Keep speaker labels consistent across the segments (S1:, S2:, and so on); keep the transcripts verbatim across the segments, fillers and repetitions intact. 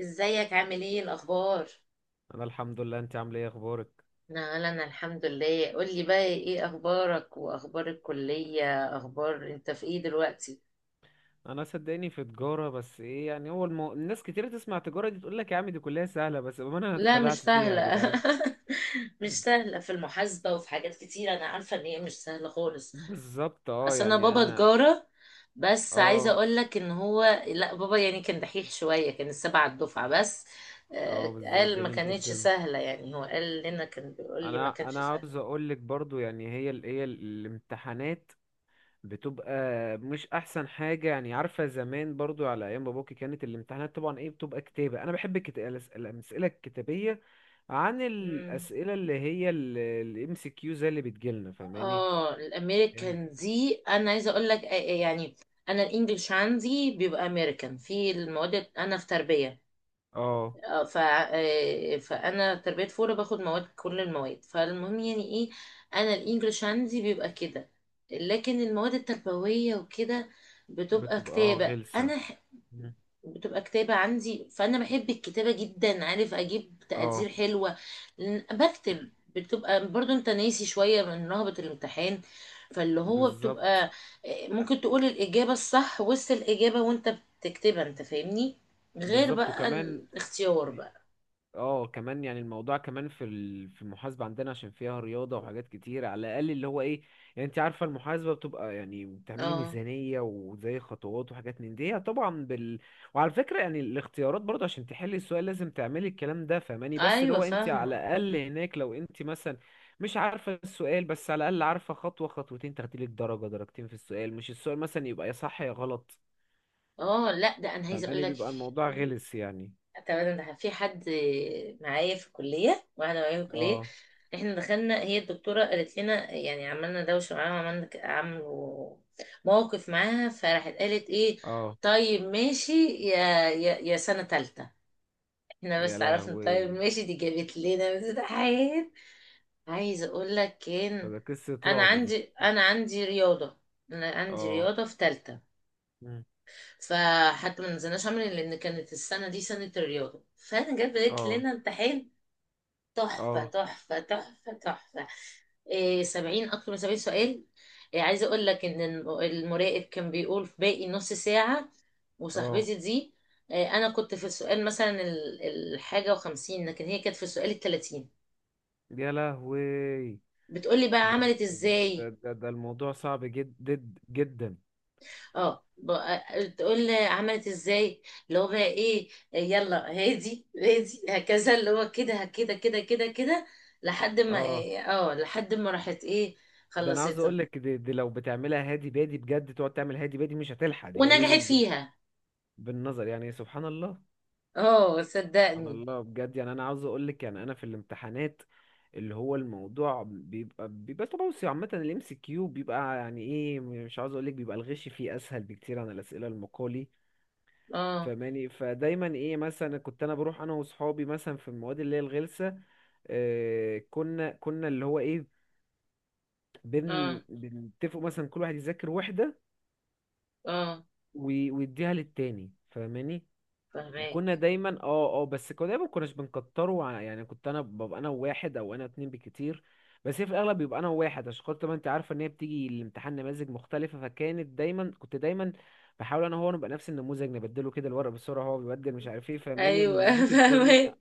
S1: ازيك عامل ايه الاخبار؟
S2: انا الحمد لله، انت عامل ايه؟ اخبارك؟
S1: لا لا، انا الحمد لله. قولي بقى ايه اخبارك واخبار الكلية، اخبار انت في ايه دلوقتي؟
S2: انا صدقني في تجاره بس ايه يعني هو المو... الناس كتير تسمع تجاره دي تقول لك يا عم دي كلها سهله، بس بأمانة انا
S1: لا مش
S2: اتخدعت فيها يا
S1: سهله.
S2: جدعان.
S1: مش سهله. في المحاسبه وفي حاجات كتير، انا عارفه ان هي مش سهله خالص.
S2: بالظبط، اه،
S1: اصل انا
S2: يعني
S1: بابا
S2: انا.
S1: تجاره، بس عايزه
S2: اه
S1: اقول لك ان هو لا بابا يعني كان دحيح شويه، كان السبعه الدفعه بس. آه،
S2: اه بالظبط،
S1: قال ما
S2: جميل
S1: كانتش
S2: جدا.
S1: سهله، يعني هو قال لنا، كان بيقول لي ما
S2: انا
S1: كانش
S2: انا عاوز اقول لك برضو، يعني هي ال... هي ال- الامتحانات بتبقى مش احسن حاجه. يعني عارفه زمان برضو على ايام باباكي كانت الامتحانات طبعا ايه، بتبقى كتابه. انا بحب الكت... الأس- الامثله الكتابيه عن
S1: سهل.
S2: الأسئلة اللي هي الام سي كيو زي اللي بتجيلنا، فاهماني؟
S1: اه،
S2: يعني
S1: الامريكان دي انا عايزه اقول لك، آه، آه، يعني انا الانجليش عندي بيبقى امريكان في المواد، انا في تربيه.
S2: اه،
S1: اه، ف آه، فانا تربيه فوره باخد مواد، كل المواد، فالمهم يعني ايه، انا الانجليش عندي بيبقى كده، لكن المواد التربويه وكده بتبقى
S2: بتبقى اه
S1: كتابه.
S2: غلسة.
S1: انا ح-
S2: مم.
S1: بتبقى كتابه عندي، فانا بحب الكتابه جدا، عارف اجيب تقدير
S2: اه،
S1: حلوه لأن بكتب. بتبقى برضو انت ناسي شويه من رهبه الامتحان، فاللي هو
S2: بالظبط.
S1: بتبقى آه، ممكن تقول الاجابه الصح وسط الاجابه وانت بتكتبها، انت فاهمني؟ غير
S2: بالظبط
S1: بقى
S2: وكمان،
S1: الاختيار بقى.
S2: اه كمان يعني الموضوع كمان في ال- في المحاسبة عندنا، عشان فيها رياضة وحاجات كتير. على الأقل اللي هو ايه، يعني انت عارفة المحاسبة بتبقى يعني بتعملي
S1: اه،
S2: ميزانية وزي خطوات وحاجات من دي، هي طبعا بال. وعلى فكرة يعني الاختيارات برضه عشان تحلي السؤال لازم تعملي الكلام ده، فاهماني؟ بس اللي
S1: ايوه
S2: هو انت على
S1: فاهمه.
S2: الأقل هناك، لو انت مثلا مش عارفة السؤال، بس على الأقل عارفة خطوة خطوتين تاخديلك درجة درجتين في السؤال. مش السؤال مثلا يبقى يا صح يا غلط،
S1: اه، لا ده انا عايزه اقول
S2: فاهماني؟
S1: لك.
S2: بيبقى الموضوع غلس يعني.
S1: تمام، ده في حد معايا في الكليه، واحده معايا في الكليه،
S2: اه.
S1: احنا دخلنا، هي الدكتوره قالت لنا يعني، عملنا دوشه معاها، وعملنا ك- عملوا موقف معاها، فراحت قالت ايه،
S2: اه،
S1: طيب ماشي يا يا, يا سنه تالته، احنا
S2: يا
S1: بس عرفنا طيب
S2: لهوي،
S1: ماشي. دي جابت لنا امتحان، عايزه اقول لك، كان
S2: ده قصة
S1: انا
S2: رعب دي.
S1: عندي انا عندي رياضه، انا عندي
S2: اه.
S1: رياضه في تالتة،
S2: مم.
S1: فحتى ما نزلناش عمل، لان كانت السنه دي سنه الرياضه، فانا جت بدات
S2: اه.
S1: لنا امتحان تحفه
S2: اه.
S1: تحفه تحفه تحفه. إيه، سبعين، اكتر من سبعين سؤال. إيه عايزه اقول لك ان الم- المراقب كان بيقول في باقي نص ساعه،
S2: اه،
S1: وصاحبتي دي، إيه انا كنت في السؤال مثلا ال- الحاجه وخمسين، لكن هي كانت في السؤال التلاتين.
S2: يا لهوي.
S1: بتقولي بقى
S2: ده
S1: عملت
S2: ده ده,
S1: ازاي؟
S2: ده, ده الموضوع صعب جدا، جدا.
S1: اه، بقى- تقول لي عملت ازاي. اللي هو بقى ايه، يلا هادي هادي هكذا، اللي هو كده كده كده كده كده، لحد ما
S2: اه،
S1: إيه، اه لحد ما راحت ايه،
S2: ده انا عاوز
S1: خلصتها
S2: اقول لك دي, دي لو بتعملها هادي بادي بجد، تقعد تعمل هادي بادي مش هتلحق. دي هي
S1: ونجحت
S2: لازم بال-
S1: فيها.
S2: بالنظر، يعني سبحان الله.
S1: اه
S2: سبحان
S1: صدقني.
S2: الله بجد. يعني انا عاوز اقول لك، يعني انا في الامتحانات اللي هو الموضوع بيبقى بيبقى توسع. عامة الام سي كيو بيبقى يعني ايه، مش عاوز اقول لك بيبقى الغش فيه اسهل بكتير عن الاسئلة المقالي.
S1: اه
S2: فماني، فدايما ايه، مثلا كنت انا بروح انا واصحابي مثلا في المواد اللي هي الغلسه، آه كنا كنا اللي هو ايه،
S1: اه
S2: بن بنتفقوا مثلا كل واحد يذاكر وحده
S1: اه
S2: وي- ويديها للتاني، فاهماني؟
S1: فهماك.
S2: وكنا دايما اه اه بس كنا دايما كناش بنكتره ع- يعني كنت انا ببقى انا وواحد او انا اتنين بكتير. بس هي في الاغلب بيبقى انا وواحد، عشان خاطر ما انت عارفه ان هي بتيجي الامتحان نماذج مختلفه. فكانت دايما، كنت دايما بحاول انا هو نبقى نفس النموذج، نبدله كده الورق بسرعه، هو بيبدل مش عارف ايه، فاهماني؟
S1: ايوه
S2: بنظبط الدنيا.
S1: فهماك.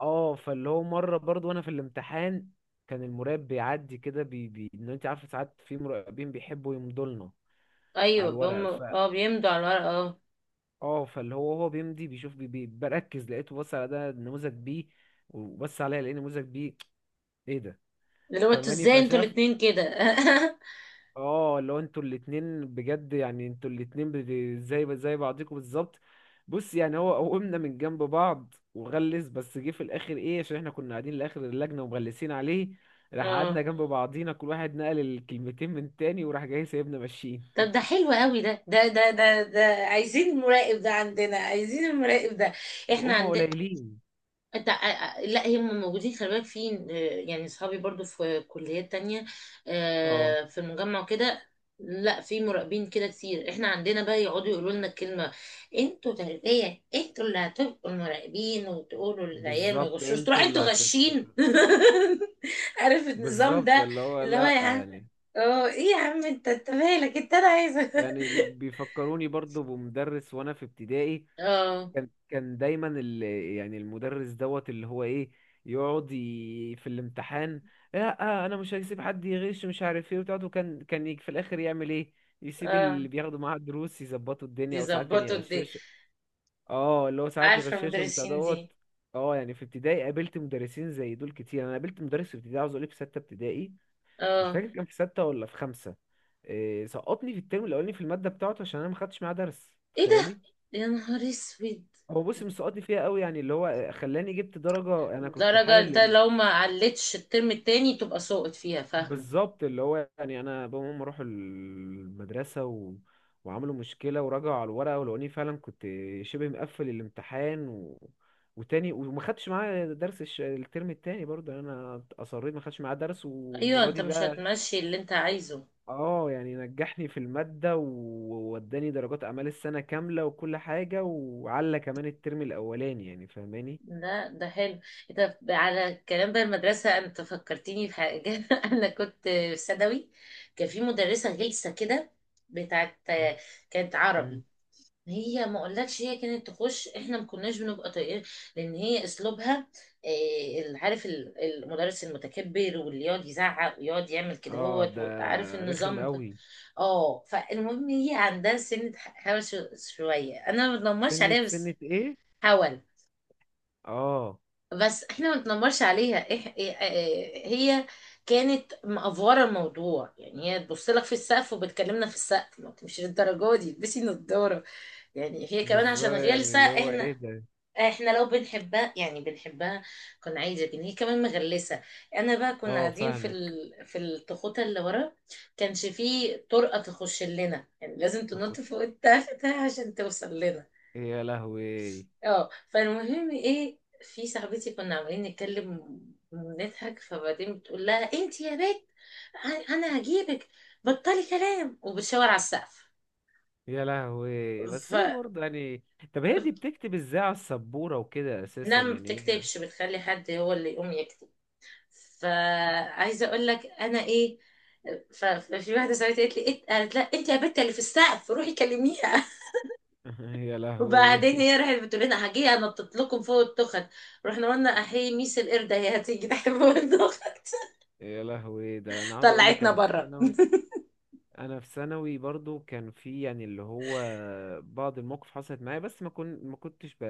S2: اه فاللي هو مره برضو وانا في الامتحان، كان المراقب بيعدي كده بي بي ان انت عارف ساعات في مراقبين بيحبوا يمضوا لنا على
S1: ايوه،
S2: الورق
S1: بم
S2: ف،
S1: اه بيمضوا على الورق. اه،
S2: اه فاللي هو هو بيمضي بيشوف، بي بي بركز، لقيته بص على ده نموذج بي، وبص عليا لقيت نموذج بي. ايه ده؟
S1: اللي هو انتوا
S2: فماني
S1: ازاي انتوا
S2: فشاف،
S1: الاتنين كده؟
S2: اه لو انتوا الاتنين بجد يعني انتوا الاتنين بت- زي زي بعضكم بالظبط. بص يعني هو قومنا من جنب بعض وغلس، بس جه في الاخر ايه، عشان احنا كنا قاعدين لاخر اللجنه ومغلسين عليه، راح
S1: اه،
S2: قعدنا جنب بعضينا كل واحد نقل الكلمتين من تاني، وراح جاي سايبنا ماشيين.
S1: طب ده حلو قوي، ده ده ده ده ده، عايزين المراقب ده عندنا، عايزين المراقب ده احنا
S2: هما
S1: عندنا.
S2: قليلين.
S1: انت ع- ع- لا، هم موجودين، خلي بالك فين، آه، يعني اصحابي برضو في كليات تانية،
S2: اه
S1: آه، في المجمع وكده. لا، في مراقبين كده كتير، احنا عندنا بقى يقعدوا يقولوا لنا الكلمة، انتوا تربية، انتوا اللي هتبقوا المراقبين وتقولوا للعيال ما
S2: بالظبط،
S1: يغشوش، تروح
S2: انتوا اللي
S1: انتوا
S2: هت.
S1: غشين. عارف النظام
S2: بالظبط
S1: ده؟
S2: اللي هو
S1: اللي هو
S2: لا
S1: يا عم،
S2: يعني،
S1: اه ايه يا عم، انت انت مالك؟ انت انا عايزه.
S2: يعني بي- بيفكروني برضو بمدرس وانا في ابتدائي.
S1: اه
S2: كان كان دايما ال... يعني المدرس دوت اللي هو ايه، يقعد ي... في الامتحان، لا آه انا مش هسيب حد يغش مش عارف ايه وبتاعته، كان كان يجي في الاخر يعمل ايه، يسيب
S1: اه،
S2: اللي بياخدوا معاه الدروس يظبطوا
S1: دي
S2: الدنيا، او ساعات كان
S1: ظبطوا دي.
S2: يغششه. اه اللي هو ساعات
S1: عارفة
S2: يغششهم بتاع
S1: المدرسين دي؟
S2: دوت. اه يعني في ابتدائي قابلت مدرسين زي دول كتير. انا قابلت مدرس في ابتدائي، عاوز اقول لك في سته ابتدائي، مش
S1: اه
S2: فاكر كان في سته ولا في خمسه، إيه سقطني في الترم الاولاني في الماده بتاعته، عشان انا ما خدتش معاه درس،
S1: ايه ده،
S2: تخيلي.
S1: يا نهار اسود.
S2: هو بص مسقطني فيها قوي، يعني اللي هو خلاني جبت درجة انا كنت
S1: الدرجة ده
S2: حالل.
S1: لو ما علتش الترم التاني تبقى سقط فيها، فاهمة؟
S2: بالظبط، اللي هو يعني انا بابا وماما راحوا المدرسة و... وعملوا مشكلة ورجعوا على الورقة ولقوني فعلا كنت شبه مقفل الامتحان و... وتاني، وما خدتش معاه درس الش... الترم التاني برضه، يعني انا اصريت ما خدتش معاه درس،
S1: ايوه،
S2: والمرة
S1: انت
S2: دي
S1: مش
S2: بقى
S1: هتمشي اللي انت عايزه.
S2: اه، يعني نجحني في المادة، ووداني درجات اعمال السنة كاملة وكل حاجة، وعلى كمان الترم الاولاني، يعني فاهماني؟
S1: لا ده حلو. انت على الكلام ده المدرسة، انت فكرتيني بحاجة. انا كنت في ثانوي، كان في مدرسة غلسة كده، بتاعت،
S2: آه.
S1: كانت
S2: مم.
S1: عربي. هي ما اقولكش، هي كانت تخش احنا ما كناش بنبقى طايقين، لان هي اسلوبها إيه، عارف ال- المدرس المتكبر، واللي يقعد يزعق ويقعد يعمل كده
S2: اه،
S1: هوت
S2: ده
S1: و- عارف
S2: رخم
S1: النظام ده؟
S2: قوي.
S1: اه، فالمهم هي عندها سنة ح- هوس شوية، انا ما بتنمرش
S2: سنة
S1: عليها بس
S2: سنة ايه؟
S1: حاول،
S2: اه
S1: بس احنا ما نتنمرش عليها، إح... إيه- آه، هي كانت مأفورة الموضوع. يعني هي تبص لك في السقف وبتكلمنا في السقف، ما مش للدرجة دي، البسي نضارة يعني، هي كمان عشان
S2: بالظبط يعني
S1: غلسة
S2: اللي هو ايه
S1: احنا،
S2: ده.
S1: احنا لو بنحبها يعني بنحبها، كنا عايزة، لكن هي كمان مغلسة. انا بقى كنا
S2: اه
S1: قاعدين في
S2: فاهمك.
S1: ال... في التخوتة اللي ورا، كانش فيه طرقة تخش لنا، يعني لازم
S2: خد،
S1: تنط فوق التختة عشان توصل لنا.
S2: يا لهوي.
S1: اه، فالمهم ايه، في صاحبتي كنا عمالين نتكلم ونضحك، فبعدين بتقول لها انت يا بنت، ه- انا هجيبك، بطلي كلام، وبتشاور على السقف.
S2: يا لهوي، بس هي برضه يعني، طب هي
S1: فانا
S2: دي بتكتب ازاي على السبورة وكده اساسا
S1: ما
S2: يعني،
S1: بتكتبش، بتخلي حد هو اللي يقوم يكتب. فعايزه اقول لك انا ايه، ف- ففي واحده صاحبتي قالت لي إنت- قالت لا انت يا بنت اللي في السقف روحي كلميها.
S2: هي يا لهوي.
S1: وبعدين هي راحت بتقول لنا هجي انطط لكم فوق التخت، رحنا قلنا احيي ميس القرده، هي هتيجي تحت فوق التخت،
S2: يا لهوي، ده انا عاوز اقول لك
S1: طلعتنا
S2: انا في
S1: بره.
S2: ثانوي. انا في ثانوي برضو كان في يعني اللي هو بعض المواقف حصلت معايا، بس ما كنت ما كنتش ب...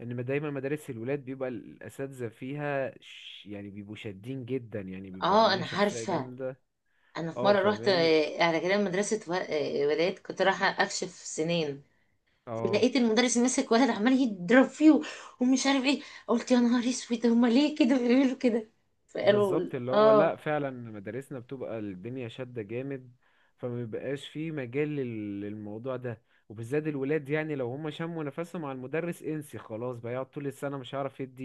S2: ان ما دايما مدارس الولاد بيبقى الاساتذه فيها ش... يعني بيبقوا شادين جدا، يعني بيبقوا
S1: اه
S2: عاملين
S1: انا
S2: شخصيه
S1: عارفه.
S2: جامده.
S1: انا في
S2: اه
S1: مره رحت
S2: فاهماني.
S1: آه، على كلام مدرسه و- آه، ولاد، كنت رايحه اكشف سنين،
S2: اه
S1: ولقيت المدرس ماسك ولد عمال يضرب فيه ومش عارف ايه، قلت يا نهار اسود، هما ليه كده بيعملوا كده؟ فقالوا
S2: بالظبط، اللي هو لا
S1: اه.
S2: فعلا مدارسنا بتبقى الدنيا شاده جامد، فما بيبقاش في مجال لل- للموضوع ده. وبالذات الولاد، يعني لو هم شموا نفسهم على المدرس انسي خلاص، بقى يقعد طول السنه مش هيعرف يدي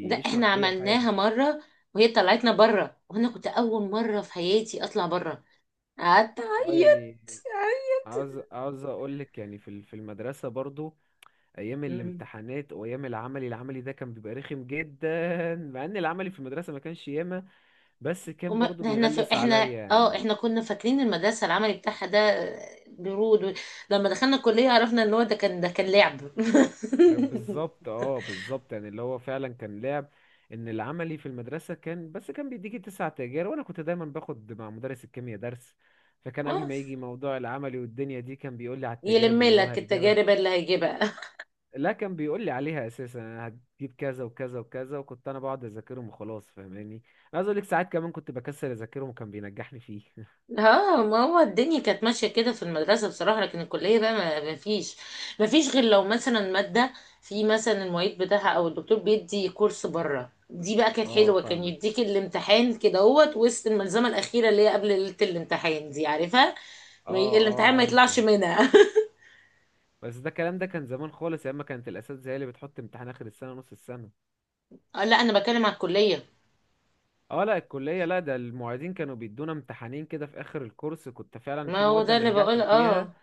S1: لا، احنا
S2: يشرح اي حاجه.
S1: عملناها مره، وهي طلعتنا بره، وانا كنت اول مره في حياتي اطلع بره، قعدت
S2: اه
S1: اعيط.
S2: يعني عاوز عاوز اقول لك، يعني في ال- في المدرسه برضو ايام الامتحانات وايام العملي، العملي ده كان بيبقى رخم جدا، مع ان العملي في المدرسه ما كانش ياما، بس كان
S1: وما
S2: برضو
S1: ده احنا ف...
S2: بيغلس
S1: احنا
S2: عليا
S1: اه
S2: يعني.
S1: احنا كنا فاكرين المدرسه العملي بتاعها ده آه، برود و... لما دخلنا الكليه عرفنا ان هو ده كان ده كان لعب.
S2: بالظبط، اه بالظبط، يعني اللي هو فعلا كان لعب. ان العملي في المدرسه كان بس كان بيديكي تسع تجارب، وانا كنت دايما باخد مع مدرس الكيمياء درس، فكان قبل
S1: آه.
S2: ما يجي موضوع العملي والدنيا دي كان بيقول لي على التجارب
S1: يلم
S2: اللي هو
S1: لك
S2: هيجيبها.
S1: التجارب اللي هيجيبها.
S2: لا كان بيقول لي عليها اساسا، أنا هتجيب كذا وكذا وكذا، وكنت انا بقعد اذاكرهم وخلاص، فاهماني؟ انا عايز اقول لك ساعات كمان كنت بكسل اذاكرهم وكان بينجحني فيه
S1: اه، ما هو الدنيا كانت ماشية كده في المدرسة بصراحة، لكن الكلية بقى ما ما فيش، ما فيش غير لو مثلا مادة، في مثلا المعيد بتاعها او الدكتور بيدي كورس بره، دي بقى كانت
S2: اه
S1: حلوة، كان
S2: فاهمك.
S1: يديك الامتحان كده اهوت وسط الملزمة الأخيرة، اللي هي قبل ليلة الامتحان دي، عارفها،
S2: اه اه
S1: الامتحان ما يطلعش
S2: عارفها.
S1: منها.
S2: بس ده الكلام ده كان زمان خالص، ايام ما كانت الاساتذه هي اللي بتحط امتحان اخر السنه نص السنه.
S1: آه، لا أنا بتكلم على الكلية.
S2: اه لا الكليه، لا ده المعيدين كانوا بيدونا امتحانين كده في اخر الكورس، كنت فعلا في
S1: ما هو
S2: مواد
S1: ده
S2: انا
S1: اللي
S2: نجحت
S1: بقول
S2: فيها
S1: اه.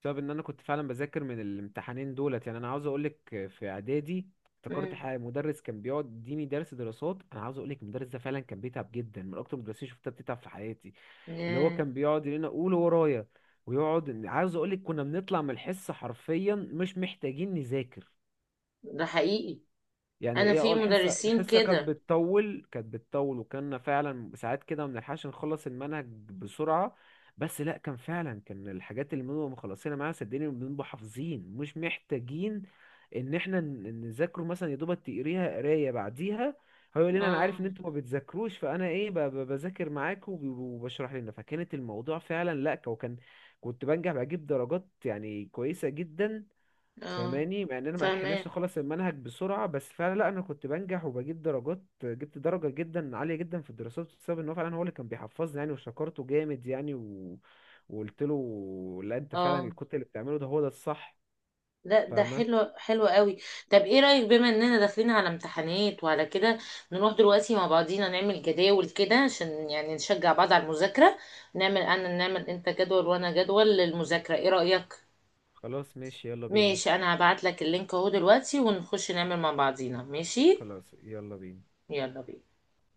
S2: بسبب ان انا كنت فعلا بذاكر من الامتحانين دولت. يعني انا عاوز اقولك في اعدادي افتكرت
S1: امم.
S2: حاجه، مدرس كان بيقعد يديني درس دراسات. انا عاوز اقولك المدرس ده فعلا كان بيتعب جدا، من اكتر المدرسين شفتها بتتعب في حياتي. اللي هو
S1: ياه.
S2: كان بيقعد يقول لنا قول ورايا، ويقعد، عاوز اقولك كنا بنطلع من الحصه حرفيا مش محتاجين نذاكر.
S1: ده حقيقي.
S2: يعني
S1: أنا
S2: ايه، اه
S1: في
S2: الحصه،
S1: مدرسين
S2: الحصه كانت
S1: كده.
S2: بتطول، كانت بتطول، وكنا فعلا ساعات كده ما بنلحقش نخلص المنهج بسرعه، بس لا كان فعلا كان الحاجات اللي بنبقى مخلصينها معاها صدقني بنبقى حافظين، مش محتاجين ان احنا ن- نذاكره، مثلا يا دوبك تقريها قرايه بعديها. هو يقول لنا انا عارف ان
S1: اه
S2: انتوا ما بتذاكروش، فانا ايه ب- ب- بذاكر معاكم وب- وبشرح لنا، فكانت الموضوع فعلا لا. وكان كنت بنجح بجيب درجات يعني كويسه جدا.
S1: اه
S2: فاهماني، مع اننا ما لحقناش
S1: فاهمة.
S2: نخلص المنهج بسرعه، بس فعلا لا انا كنت بنجح وبجيب درجات، جبت درجه جدا عاليه جدا في الدراسات، بسبب ان هو فعلا هو اللي كان بيحفظني يعني، وشكرته جامد يعني و... وقلت له لا انت فعلا
S1: اه،
S2: كنت اللي بتعمله ده هو ده الصح.
S1: ده ده
S2: فاهمه.
S1: حلو، حلو قوي. طب ايه رأيك، بما اننا داخلين على امتحانات وعلى كده، نروح دلوقتي مع بعضينا نعمل جداول كده عشان يعني نشجع بعض على المذاكرة، نعمل انا نعمل انت جدول وانا جدول للمذاكرة، ايه رأيك؟
S2: خلاص ماشي، يلا بينا.
S1: ماشي، انا هبعت لك اللينك اهو دلوقتي، ونخش نعمل مع بعضينا ماشي.
S2: خلاص يلا بينا.
S1: يلا بينا.